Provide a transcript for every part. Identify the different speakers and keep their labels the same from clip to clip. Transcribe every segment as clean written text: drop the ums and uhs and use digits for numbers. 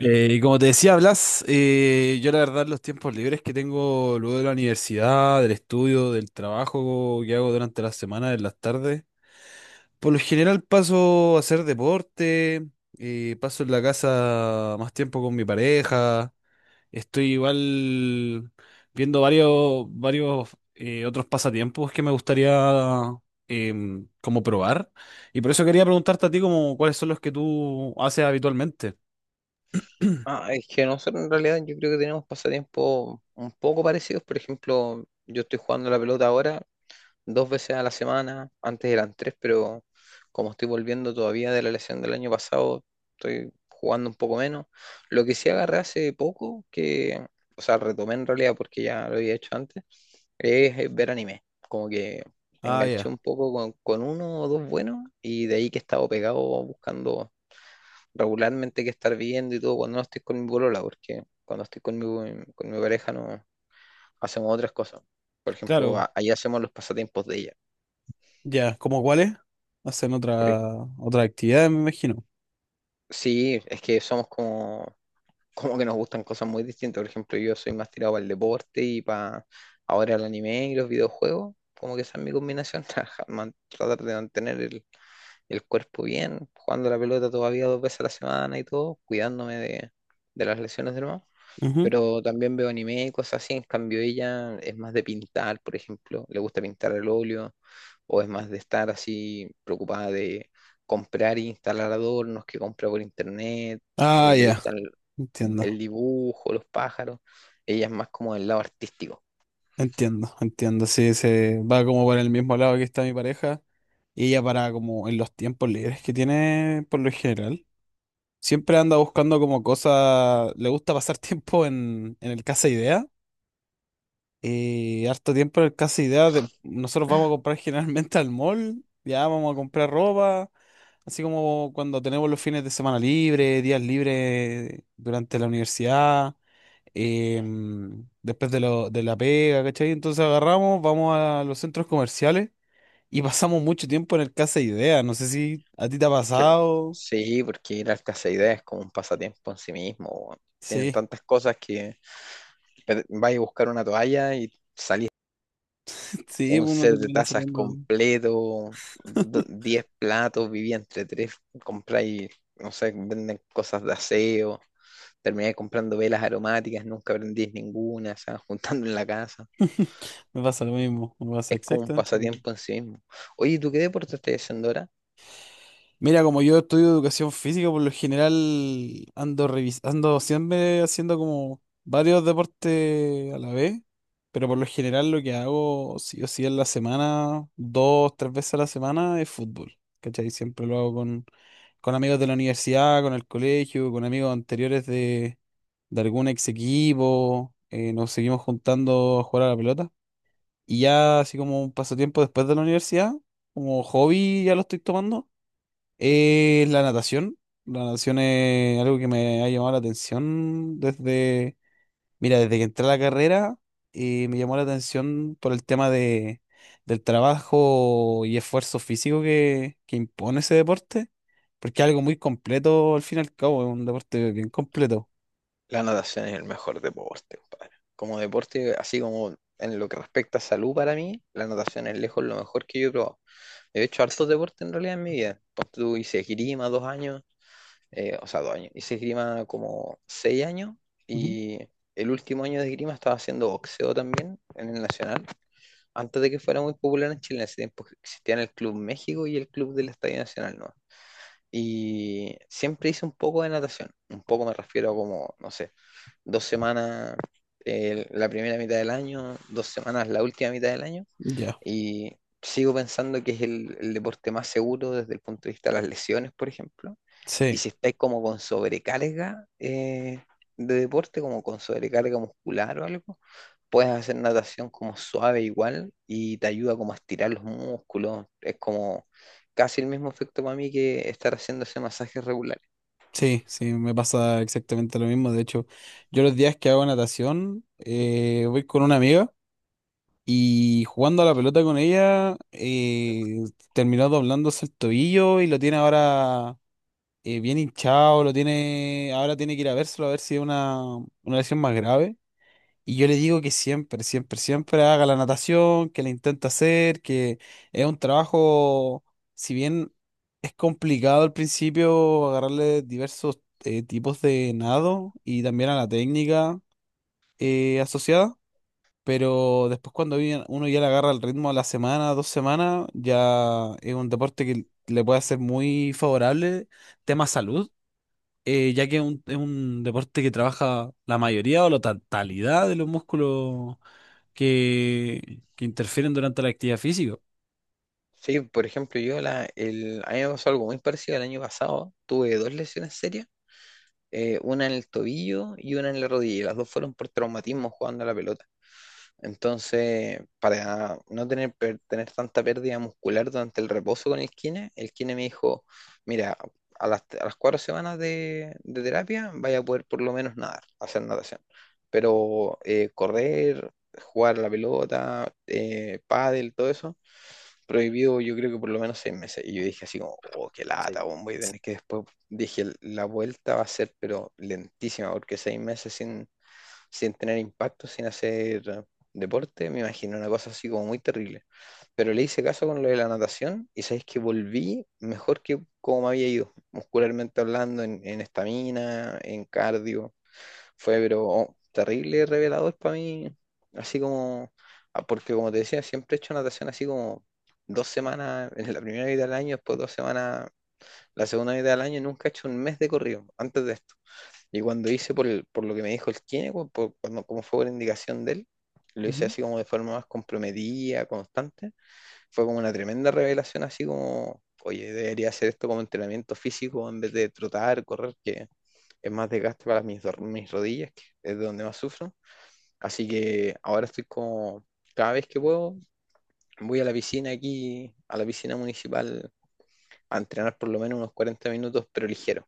Speaker 1: Y como te decía, Blas, yo la verdad los tiempos libres que tengo luego de la universidad, del estudio, del trabajo que hago durante la semana, en las tardes, por lo general paso a hacer deporte, paso en la casa más tiempo con mi pareja, estoy igual viendo varios otros pasatiempos que me gustaría como probar. Y por eso quería preguntarte a ti como cuáles son los que tú haces habitualmente.
Speaker 2: Ah, es que nosotros en realidad yo creo que tenemos pasatiempos un poco parecidos. Por ejemplo, yo estoy jugando la pelota ahora dos veces a la semana. Antes eran tres, pero como estoy volviendo todavía de la lesión del año pasado, estoy jugando un poco menos. Lo que sí agarré hace poco, que, o sea, retomé en realidad porque ya lo había hecho antes, es ver anime. Como que
Speaker 1: Ah,
Speaker 2: enganché
Speaker 1: ya.
Speaker 2: un poco con uno o dos buenos y de ahí que he estado pegado buscando regularmente que estar viendo y todo cuando no estoy con mi polola, porque cuando estoy con mi pareja no hacemos otras cosas. Por ejemplo,
Speaker 1: Claro.
Speaker 2: ahí hacemos los pasatiempos de ella.
Speaker 1: Ya, ¿cómo cuáles? Hacen
Speaker 2: Porque-
Speaker 1: otra actividad, me imagino.
Speaker 2: sí, es que somos como, como que nos gustan cosas muy distintas. Por ejemplo, yo soy más tirado para el deporte y para ahora el anime y los videojuegos. Como que esa es mi combinación, tratar de mantener el cuerpo bien, jugando la pelota todavía dos veces a la semana y todo, cuidándome de las lesiones del mamá.
Speaker 1: Ujú.
Speaker 2: Pero también veo anime y cosas así. En cambio, ella es más de pintar, por ejemplo, le gusta pintar al óleo, o es más de estar así preocupada de comprar e instalar adornos que compra por internet,
Speaker 1: Ah,
Speaker 2: le
Speaker 1: ya,
Speaker 2: gustan el
Speaker 1: entiendo,
Speaker 2: dibujo, los pájaros. Ella es más como del lado artístico.
Speaker 1: entiendo, entiendo. Sí, se va como por el mismo lado que está mi pareja. Y ella para como en los tiempos libres que tiene por lo general. Siempre anda buscando como cosas, le gusta pasar tiempo en el Casa Idea. Y harto tiempo en el Casa Idea, nosotros vamos a comprar generalmente al mall, ya vamos a comprar ropa. Así como cuando tenemos los fines de semana libres, días libres durante la universidad, después de, de la pega, ¿cachai? Entonces agarramos, vamos a los centros comerciales y pasamos mucho tiempo en el Casa Idea. No sé si a ti te ha
Speaker 2: Es que
Speaker 1: pasado.
Speaker 2: sí, porque ir al casa de ideas es como un pasatiempo en sí mismo, weón. Tienen
Speaker 1: Sí,
Speaker 2: tantas cosas que vas a buscar una toalla y
Speaker 1: sí,
Speaker 2: un
Speaker 1: uno
Speaker 2: set de
Speaker 1: termina
Speaker 2: tazas
Speaker 1: saliendo.
Speaker 2: completo, 10 platos, vivía entre tres, compráis, no sé, venden cosas de aseo, terminé comprando velas aromáticas, nunca prendís ninguna, se van juntando en la casa.
Speaker 1: Me pasa lo mismo, me pasa
Speaker 2: Es como un
Speaker 1: exactamente.
Speaker 2: pasatiempo en sí mismo. Oye, ¿tú qué deporte estás haciendo ahora?
Speaker 1: Mira, como yo estudio educación física, por lo general ando revisando, siempre haciendo como varios deportes a la vez, pero por lo general lo que hago, sí o sí, en la semana, dos, tres veces a la semana, es fútbol. ¿Cachai? Siempre lo hago con amigos de la universidad, con el colegio, con amigos anteriores de algún ex equipo, nos seguimos juntando a jugar a la pelota. Y ya así como un pasatiempo después de la universidad, como hobby ya lo estoy tomando la natación. La natación es algo que me ha llamado la atención desde, mira, desde que entré a la carrera y me llamó la atención por el tema de, del trabajo y esfuerzo físico que impone ese deporte, porque es algo muy completo al fin y al cabo, es un deporte bien completo.
Speaker 2: La natación es el mejor deporte, compadre. Como deporte, así como en lo que respecta a salud para mí, la natación es lejos lo mejor que yo he probado. He hecho hartos deportes en realidad en mi vida. Pues tú hice esgrima 2 años, o sea, 2 años. Hice esgrima como 6 años
Speaker 1: Ujú.
Speaker 2: y el último año de esgrima estaba haciendo boxeo también en el Nacional, antes de que fuera muy popular en Chile. En ese tiempo existían el Club México y el Club del Estadio Nacional, ¿no? Y siempre hice un poco de natación. Un poco me refiero a como, no sé, 2 semanas la primera mitad del año, 2 semanas la última mitad del año.
Speaker 1: Ya.
Speaker 2: Y sigo pensando que es el deporte más seguro desde el punto de vista de las lesiones, por ejemplo. Y
Speaker 1: Sí,
Speaker 2: si estáis como con sobrecarga de deporte, como con sobrecarga muscular o algo, puedes hacer natación como suave igual y te ayuda como a estirar los músculos. Es como casi el mismo efecto para mí que estar haciendo ese masaje regular.
Speaker 1: sí, sí, me pasa exactamente lo mismo. De hecho, yo los días que hago natación, voy con una amiga. Y jugando a la pelota con ella, terminó doblándose el tobillo y lo tiene ahora bien hinchado, lo tiene, ahora tiene que ir a vérselo a ver si es una lesión más grave. Y yo le digo que siempre, siempre, siempre haga la natación, que la intenta hacer, que es un trabajo, si bien es complicado al principio agarrarle diversos tipos de nado y también a la técnica asociada, pero después cuando uno ya le agarra el ritmo a la semana, dos semanas, ya es un deporte que le puede hacer muy favorable tema salud, ya que es un deporte que trabaja la mayoría o la totalidad de los músculos que interfieren durante la actividad física.
Speaker 2: Sí, por ejemplo, a mí me pasó algo muy parecido el año pasado. Tuve dos lesiones serias, una en el tobillo y una en la rodilla, y las dos fueron por traumatismo jugando a la pelota. Entonces, para no tener, tener tanta pérdida muscular durante el reposo con el kine, me dijo, mira, a las 4 semanas de terapia vaya a poder por lo menos nadar, hacer natación. Pero correr, jugar a la pelota, pádel, todo eso, prohibido yo creo que por lo menos 6 meses. Y yo dije así como, oh, qué lata, weón, voy a tener que después, dije, la vuelta va a ser pero lentísima, porque 6 meses sin tener impacto, sin hacer deporte, me imaginé una cosa así como muy terrible. Pero le hice caso con lo de la natación y sabéis que volví mejor que como me había ido, muscularmente hablando, en estamina, en cardio. Fue, pero oh, terrible revelador para mí, así como, ah, porque como te decía, siempre he hecho natación así como 2 semanas en la primera mitad del año, después 2 semanas la segunda mitad del año, nunca he hecho un mes de corrido antes de esto. Y cuando hice por lo que me dijo el kine, cuando, como fue por indicación de él, lo hice así como de forma más comprometida, constante. Fue como una tremenda revelación, así como, oye, debería hacer esto como entrenamiento físico en vez de trotar, correr, que es más desgaste para mis rodillas, que es de donde más sufro. Así que ahora estoy como, cada vez que puedo, voy a la piscina aquí, a la piscina municipal, a entrenar por lo menos unos 40 minutos, pero ligero.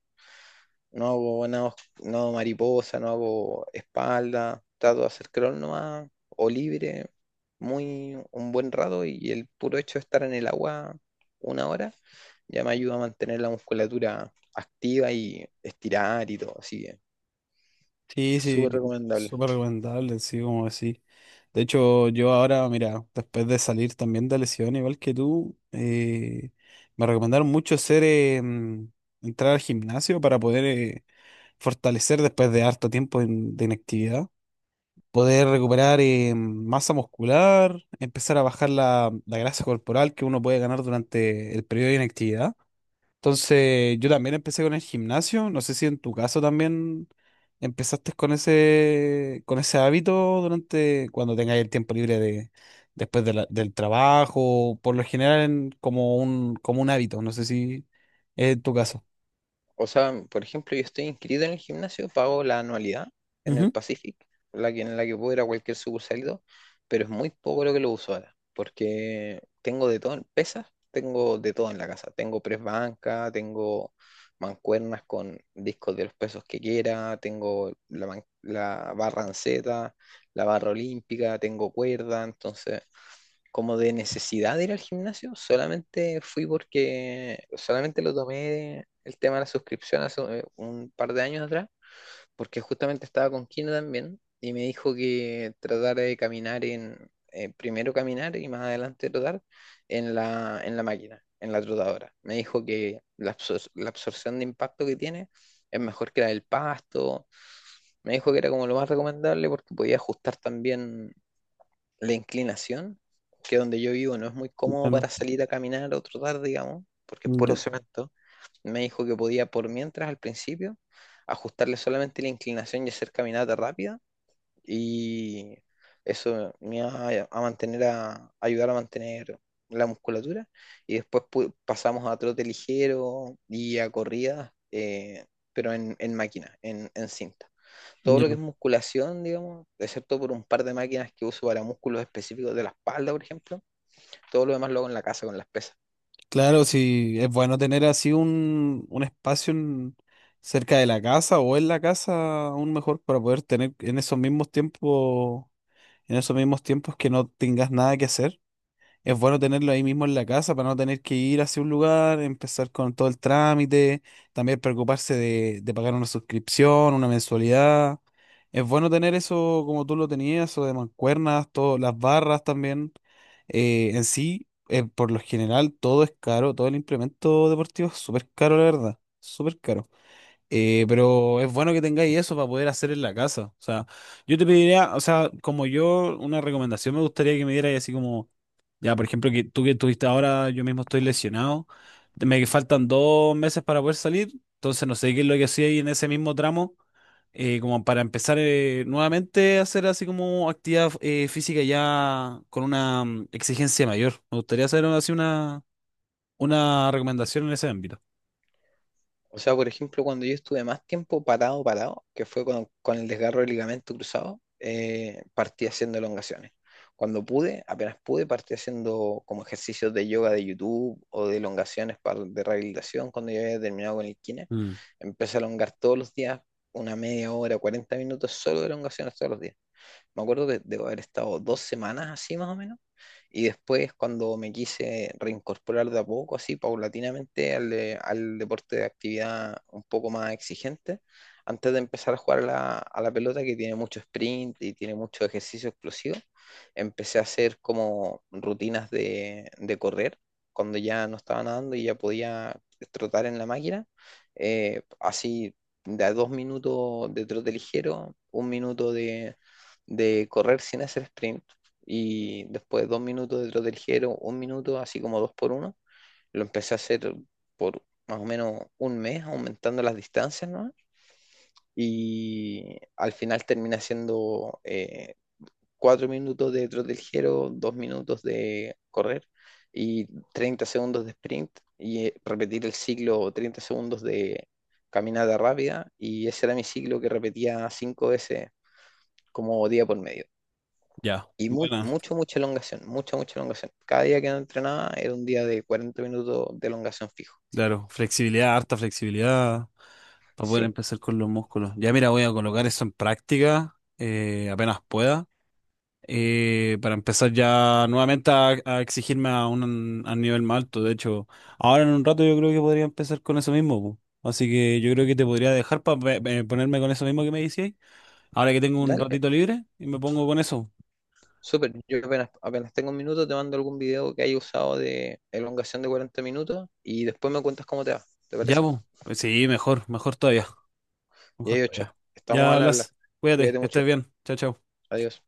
Speaker 2: No hago nada os- no hago mariposa, no hago espalda, trato de hacer crawl nomás, o libre, muy un buen rato y el puro hecho de estar en el agua una hora ya me ayuda a mantener la musculatura activa y estirar y todo, así que
Speaker 1: Sí, sí,
Speaker 2: súper recomendable.
Speaker 1: súper recomendable, sí, como decís. De hecho, yo ahora, mira, después de salir también de lesión, igual que tú, me recomendaron mucho hacer, entrar al gimnasio para poder fortalecer después de harto tiempo de inactividad, poder recuperar masa muscular, empezar a bajar la grasa corporal que uno puede ganar durante el periodo de inactividad. Entonces, yo también empecé con el gimnasio. No sé si en tu caso también empezaste con ese hábito durante cuando tengáis el tiempo libre de, después de del trabajo, por lo general como un hábito. No sé si es en tu caso.
Speaker 2: O sea, por ejemplo, yo estoy inscrito en el gimnasio, pago la anualidad en el
Speaker 1: Ujú.
Speaker 2: Pacific, en la que puedo ir a cualquier sucursal, y todo, pero es muy poco lo que lo uso ahora, porque tengo de todo, en pesas, tengo de todo en la casa. Tengo press banca, tengo mancuernas con discos de los pesos que quiera, tengo la barra anceta, la barra olímpica, tengo cuerda, entonces como de necesidad de ir al gimnasio, solamente fui porque solamente lo tomé el tema de la suscripción hace un par de años atrás, porque justamente estaba con Kino también y me dijo que tratara de caminar primero caminar y más adelante trotar en la máquina, en la trotadora. Me dijo que la absorción de impacto que tiene es mejor que la del pasto. Me dijo que era como lo más recomendable porque podía ajustar también la inclinación, que donde yo vivo no es muy cómodo
Speaker 1: Bueno,
Speaker 2: para salir a caminar o trotar, digamos, porque es
Speaker 1: ya,
Speaker 2: puro cemento, me dijo que podía por mientras al principio ajustarle solamente la inclinación y hacer caminata rápida y eso me iba a mantener a ayudar a mantener la musculatura y después pasamos a trote ligero y a corridas, pero en, máquina, en cinta todo lo que
Speaker 1: ya.
Speaker 2: es musculación, digamos, excepto por un par de máquinas que uso para músculos específicos de la espalda, por ejemplo, todo lo demás lo hago en la casa con las pesas.
Speaker 1: Claro, sí, es bueno tener así un espacio cerca de la casa o en la casa, aún mejor para poder tener en esos mismos tiempos en esos mismos tiempos que no tengas nada que hacer. Es bueno tenerlo ahí mismo en la casa para no tener que ir hacia un lugar, empezar con todo el trámite, también preocuparse de pagar una suscripción, una mensualidad. Es bueno tener eso como tú lo tenías, o de mancuernas, todo, las barras también. En sí, por lo general, todo es caro, todo el implemento deportivo es súper caro, la verdad, súper caro. Pero es bueno que tengáis eso para poder hacer en la casa. O sea, yo te pediría, o sea, como yo, una recomendación me gustaría que me dierais así como, ya, por ejemplo, que tú que estuviste ahora, yo mismo estoy lesionado, me faltan dos meses para poder salir, entonces no sé qué es lo que hacía ahí en ese mismo tramo, como para empezar nuevamente a hacer así como actividad física ya con una exigencia mayor. Me gustaría hacer así una recomendación en ese ámbito.
Speaker 2: O sea, por ejemplo, cuando yo estuve más tiempo parado, parado, que fue con el desgarro del ligamento cruzado, partí haciendo elongaciones. Cuando pude, apenas pude, partí haciendo como ejercicios de yoga de YouTube o de elongaciones para, de rehabilitación. Cuando ya había terminado con el kine,
Speaker 1: Mm,
Speaker 2: empecé a elongar todos los días, una media hora, 40 minutos solo de elongaciones todos los días. Me acuerdo que debo haber estado 2 semanas así más o menos, y después cuando me quise reincorporar de a poco, así paulatinamente al deporte de actividad un poco más exigente, antes de empezar a jugar a la pelota que tiene mucho sprint y tiene mucho ejercicio explosivo, empecé a hacer como rutinas de correr cuando ya no estaba nadando y ya podía trotar en la máquina, así de a 2 minutos de trote ligero, 1 minuto de correr sin hacer sprint y después 2 minutos de trote ligero, un minuto, así como dos por uno, lo empecé a hacer por más o menos un mes, aumentando las distancias, ¿no? Y al final termina siendo 4 minutos de trote ligero, 2 minutos de correr y 30 segundos de sprint y repetir el ciclo 30 segundos de caminata rápida y ese era mi ciclo que repetía cinco veces como día por medio.
Speaker 1: ya,
Speaker 2: Y
Speaker 1: buena.
Speaker 2: mucho, mucha elongación, mucha, mucha elongación. Cada día que no entrenaba era un día de 40 minutos de elongación fijo.
Speaker 1: Claro, flexibilidad, harta flexibilidad para poder
Speaker 2: Sí,
Speaker 1: empezar con los músculos. Ya mira, voy a colocar eso en práctica apenas pueda, para empezar ya nuevamente a exigirme a un nivel más alto. De hecho, ahora en un rato yo creo que podría empezar con eso mismo. Po. Así que yo creo que te podría dejar para ponerme con eso mismo que me decías. Ahora que tengo un
Speaker 2: dale,
Speaker 1: ratito libre y me pongo con eso.
Speaker 2: súper. Yo apenas, apenas tengo 1 minuto, te mando algún video que haya usado de elongación de 40 minutos y después me cuentas cómo te va. ¿Te
Speaker 1: Ya,
Speaker 2: parece?
Speaker 1: po. Pues sí, mejor, mejor todavía,
Speaker 2: Y
Speaker 1: mejor
Speaker 2: ahí, ocho.
Speaker 1: todavía.
Speaker 2: Estamos
Speaker 1: Ya
Speaker 2: al habla.
Speaker 1: hablas. Cuídate,
Speaker 2: Cuídate
Speaker 1: que
Speaker 2: mucho.
Speaker 1: estés bien. Chao, chao.
Speaker 2: Adiós.